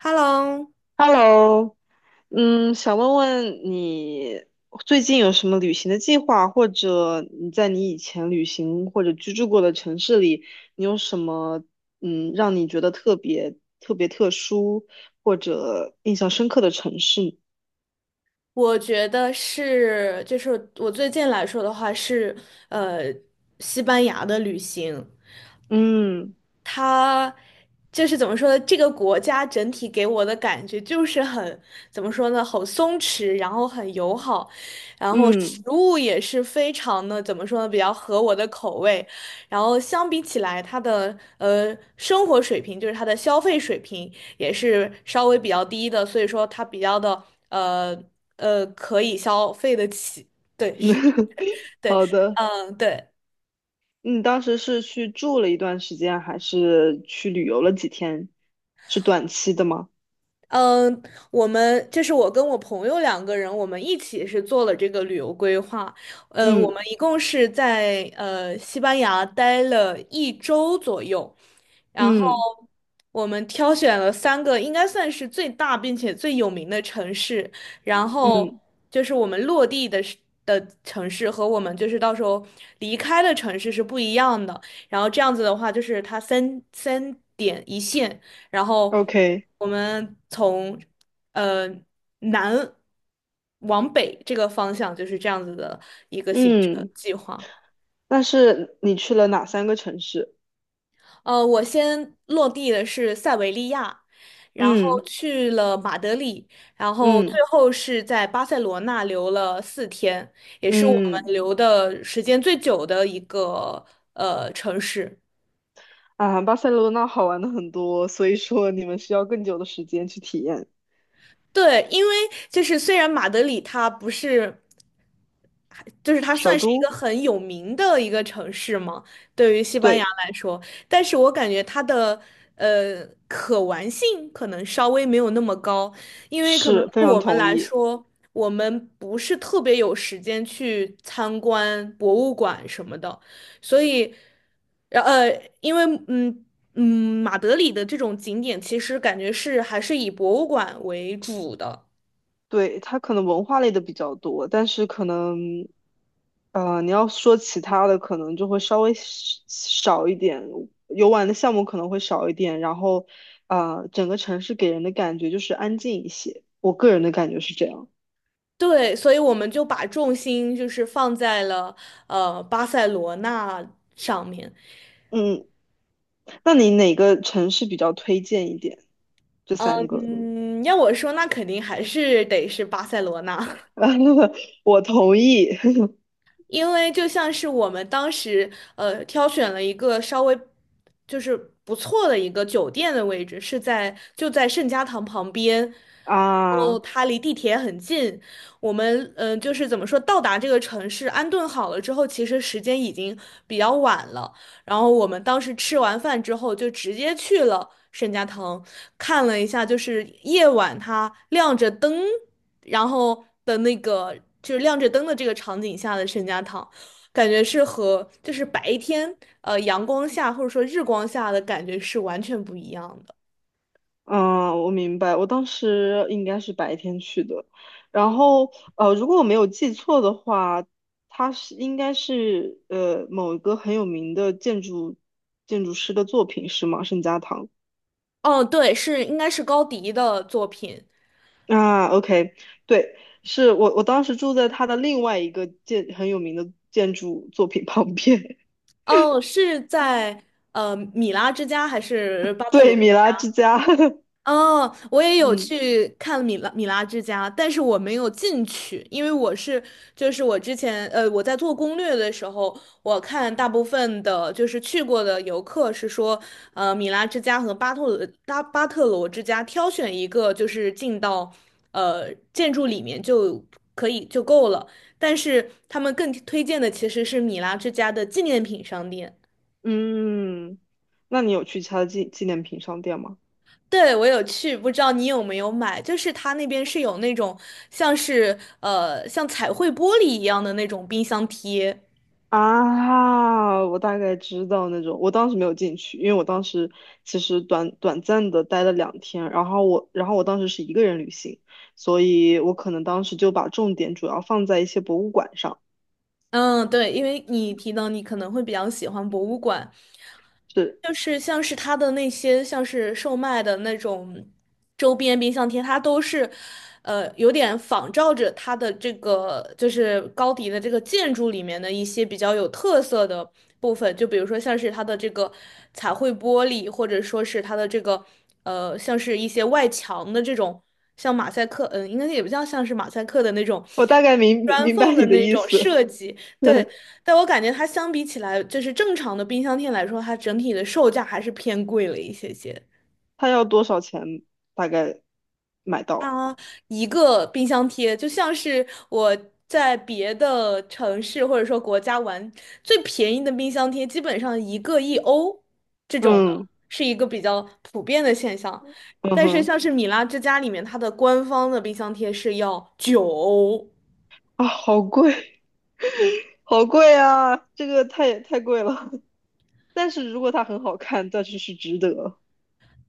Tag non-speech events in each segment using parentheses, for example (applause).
Hello，Hello，想问问你最近有什么旅行的计划，或者你在你以前旅行或者居住过的城市里，你有什么让你觉得特别特别特殊或者印象深刻的城市？我觉得是，就是我最近来说的话是，呃，西班牙的旅行，嗯它就是怎么说呢？这个国家整体给我的感觉就是很，怎么说呢？很松弛，然后很友好，然后食嗯，物也是非常的，怎么说呢？比较合我的口味。然后相比起来，它的生活水平，就是它的消费水平也是稍微比较低的，所以说它比较的呃可以消费得起。对，是，(laughs) 对，好的。嗯，对。你当时是去住了一段时间，还是去旅游了几天？是短期的吗？嗯，我们就是我跟我朋友两个人，我们一起是做了这个旅游规划。嗯，我嗯们一共是在西班牙待了一周左右，然后嗯我们挑选了三个应该算是最大并且最有名的城市，然后嗯就是我们落地的是的城市和我们就是到时候离开的城市是不一样的。然后这样子的话，就是它三点一线。然后，OK，我们从呃南往北这个方向就是这样子的一个行程嗯。计划。但是你去了哪三个城市？我先落地的是塞维利亚，然后嗯去了马德里，然后最嗯后是在巴塞罗那留了4天，也是我嗯们留的时间最久的一个城市。啊，巴塞罗那好玩的很多，所以说你们需要更久的时间去体验。对，因为就是虽然马德里它不是。就是它首算是一个都，很有名的一个城市嘛，对于西班牙对，来说，但是我感觉它的可玩性可能稍微没有那么高，因为可能是非对常我们同来意。说，我们不是特别有时间去参观博物馆什么的，所以，然呃，因为嗯。嗯，马德里的这种景点其实感觉是还是以博物馆为主的，对，它可能文化类的比较多，但是可能，你要说其他的，可能就会稍微少少一点，游玩的项目可能会少一点，然后，整个城市给人的感觉就是安静一些，我个人的感觉是这样。对，所以我们就把重心就是放在了巴塞罗那上面。嗯。那你哪个城市比较推荐一点？这三个，嗯，要我说，那肯定还是得是巴塞罗那。(laughs) (laughs) 我同意 (laughs) 因为就像是我们当时挑选了一个稍微就是不错的一个酒店的位置，是在就在圣家堂旁边，然后啊，它离地铁很近。我们就是怎么说，到达这个城市安顿好了之后，其实时间已经比较晚了。然后我们当时吃完饭之后，就直接去了圣家堂，看了一下，就是夜晚它亮着灯。然后的那个就是亮着灯的这个场景下的圣家堂，感觉是和就是白天阳光下或者说日光下的感觉是完全不一样的。嗯，我明白。我当时应该是白天去的，然后如果我没有记错的话，它是应该是某一个很有名的建筑师的作品是吗？圣家堂哦，对，是应该是高迪的作品。啊，OK，对，是我当时住在他的另外一个很有名的建筑作品旁边，哦，是在米拉之家还 (laughs) 是巴特罗？对，米拉之家，(laughs) 哦，我也有嗯。去看米拉之家，但是我没有进去，因为我是就是我之前我在做攻略的时候，我看大部分的就是去过的游客是说，米拉之家和巴特罗之家挑选一个就是进到建筑里面就可以就够了，但是他们更推荐的其实是米拉之家的纪念品商店。嗯，那你有去其他的纪念品商店吗？对，我有去，不知道你有没有买？就是他那边是有那种像是像彩绘玻璃一样的那种冰箱贴。啊，我大概知道那种，我当时没有进去，因为我当时其实短暂的待了两天，然后我当时是一个人旅行，所以我可能当时就把重点主要放在一些博物馆上。嗯，对，因为你提到你可能会比较喜欢博物馆，是，就是像是它的那些像是售卖的那种周边冰箱贴，它都是，有点仿照着它的这个就是高迪的这个建筑里面的一些比较有特色的部分，就比如说像是它的这个彩绘玻璃，或者说是它的这个像是一些外墙的这种像马赛克，应该也不叫像是马赛克的那种 我大概 (laughs) 砖明白缝的你的那意种思，设计，(laughs) 对，对，但我感觉它相比起来，就是正常的冰箱贴来说，它整体的售价还是偏贵了一些些。他要多少钱大概买到？它一个冰箱贴就像是我在别的城市或者说国家玩，最便宜的冰箱贴基本上一个1欧这种的，嗯是一个比较普遍的现象。嗯但是哼，像是米拉之家里面，它的官方的冰箱贴是要9欧。啊，好贵，好贵啊，这个太贵了。但是如果它很好看，那就是值得。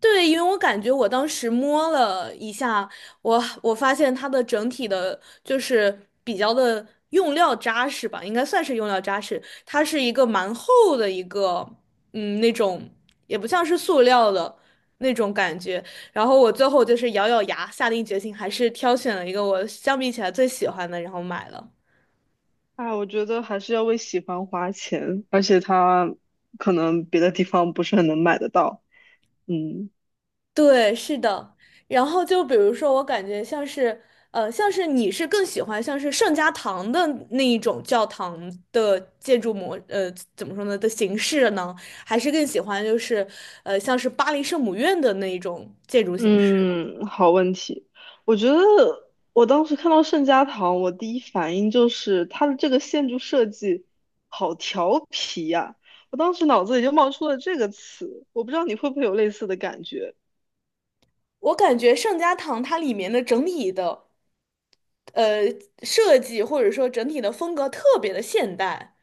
对，因为我感觉我当时摸了一下，我发现它的整体的，就是比较的用料扎实吧，应该算是用料扎实。它是一个蛮厚的一个，嗯，那种也不像是塑料的那种感觉。然后我最后就是咬咬牙，下定决心，还是挑选了一个我相比起来最喜欢的，然后买了。哎，我觉得还是要为喜欢花钱，而且它可能别的地方不是很能买得到。嗯对，是的。然后就比如说，我感觉像是，像是你是更喜欢像是圣家堂的那一种教堂的建筑模，怎么说呢的形式呢？还是更喜欢就是，像是巴黎圣母院的那一种建筑形式呢？嗯，好问题。我觉得我当时看到圣家堂，我第一反应就是它的这个建筑设计好调皮呀、我当时脑子里就冒出了这个词，我不知道你会不会有类似的感觉。我感觉圣家堂它里面的整体的，呃，设计或者说整体的风格特别的现代。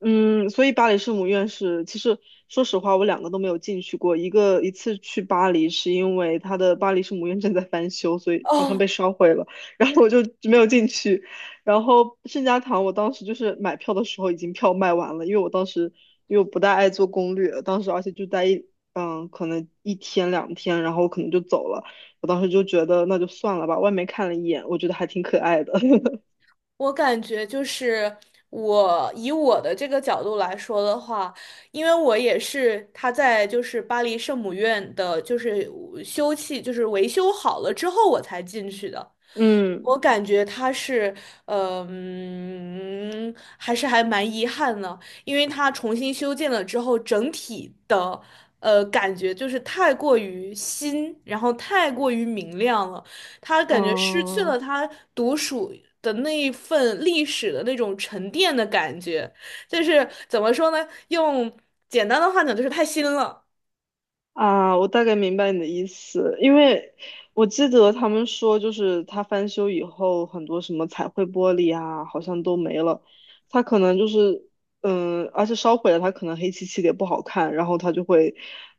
嗯，所以巴黎圣母院是，其实说实话，我两个都没有进去过。一次去巴黎是因为它的巴黎圣母院正在翻修，所以 (laughs) 好像被哦，烧毁了，(laughs) 然后我就没有进去。然后圣家堂，我当时就是买票的时候已经票卖完了，因为我不大爱做攻略，当时而且就待一可能一天两天，然后我可能就走了。我当时就觉得那就算了吧，外面看了一眼，我觉得还挺可爱的。(laughs) 我感觉就是我以我的这个角度来说的话，因为我也是他在就是巴黎圣母院的，就是修葺就是维修好了之后我才进去的。嗯我感觉他是，还是还蛮遗憾的，因为他重新修建了之后，整体的，感觉就是太过于新，然后太过于明亮了，他感觉失去啊。了他独属的那一份历史的那种沉淀的感觉，就是怎么说呢？用简单的话讲，就是太新了。啊，我大概明白你的意思，因为我记得他们说，就是它翻修以后，很多什么彩绘玻璃啊，好像都没了。它可能就是，而且烧毁了，它可能黑漆漆的也不好看，然后他就会，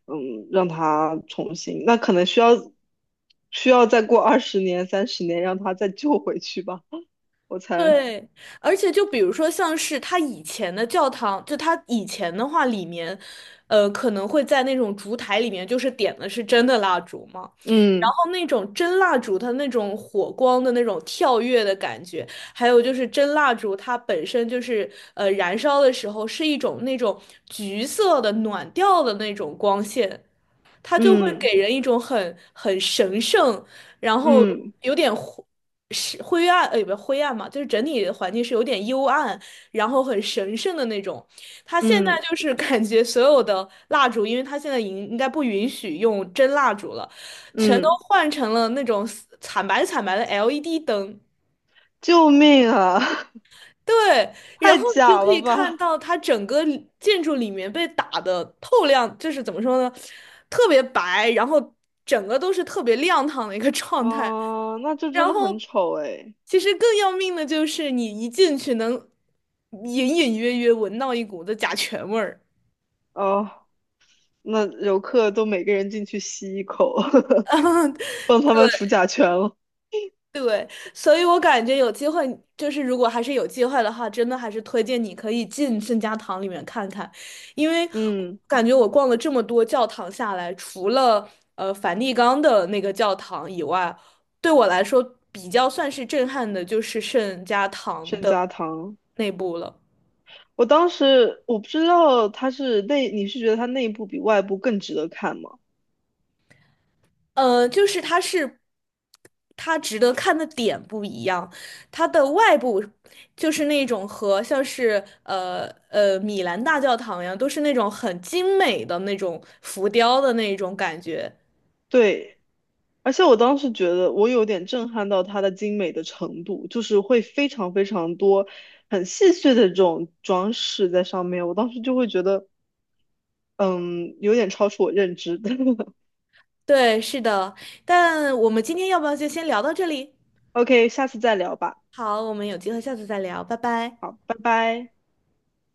让它重新，那可能需要再过20年、30年，让它再救回去吧，我猜。对，而且就比如说，像是他以前的教堂，就他以前的话，里面，可能会在那种烛台里面，就是点的是真的蜡烛嘛，然嗯后那种真蜡烛，它那种火光的那种跳跃的感觉，还有就是真蜡烛，它本身就是燃烧的时候是一种那种橘色的暖调的那种光线，它就会嗯给人一种很神圣。然后嗯有点灰是灰暗，也不是灰暗嘛，就是整体的环境是有点幽暗，然后很神圣的那种。它现在嗯就是感觉所有的蜡烛，因为它现在应该不允许用真蜡烛了，全都嗯，换成了那种惨白惨白的 LED 灯。救命啊！(laughs) 对，然太后你就假可以了看吧！到它整个建筑里面被打的透亮，就是怎么说呢，特别白，然后整个都是特别亮堂的一个 (laughs) 状态。哦，那就真然的很后，丑哎。其实更要命的就是你一进去能隐隐约约闻到一股子甲醛味儿。哦，那游客都每个人进去吸一口，(laughs) (laughs) 帮他们除甲醛了。对，所以我感觉有机会，就是如果还是有机会的话，真的还是推荐你可以进圣家堂里面看看，因为嗯，感觉我逛了这么多教堂下来，除了梵蒂冈的那个教堂以外，对我来说比较算是震撼的，就是圣家堂圣的家堂，内部了。我当时我不知道它是内，你是觉得它内部比外部更值得看吗？就是它是它值得看的点不一样，它的外部就是那种和像是米兰大教堂一样，都是那种很精美的那种浮雕的那种感觉。对，而且我当时觉得我有点震撼到它的精美的程度，就是会非常非常多很细碎的这种装饰在上面，我当时就会觉得，嗯，有点超出我认知的。(laughs) 对，是的，但我们今天要不要就先聊到这里？OK，下次再聊吧。好，我们有机会下次再聊，拜拜。好，拜拜。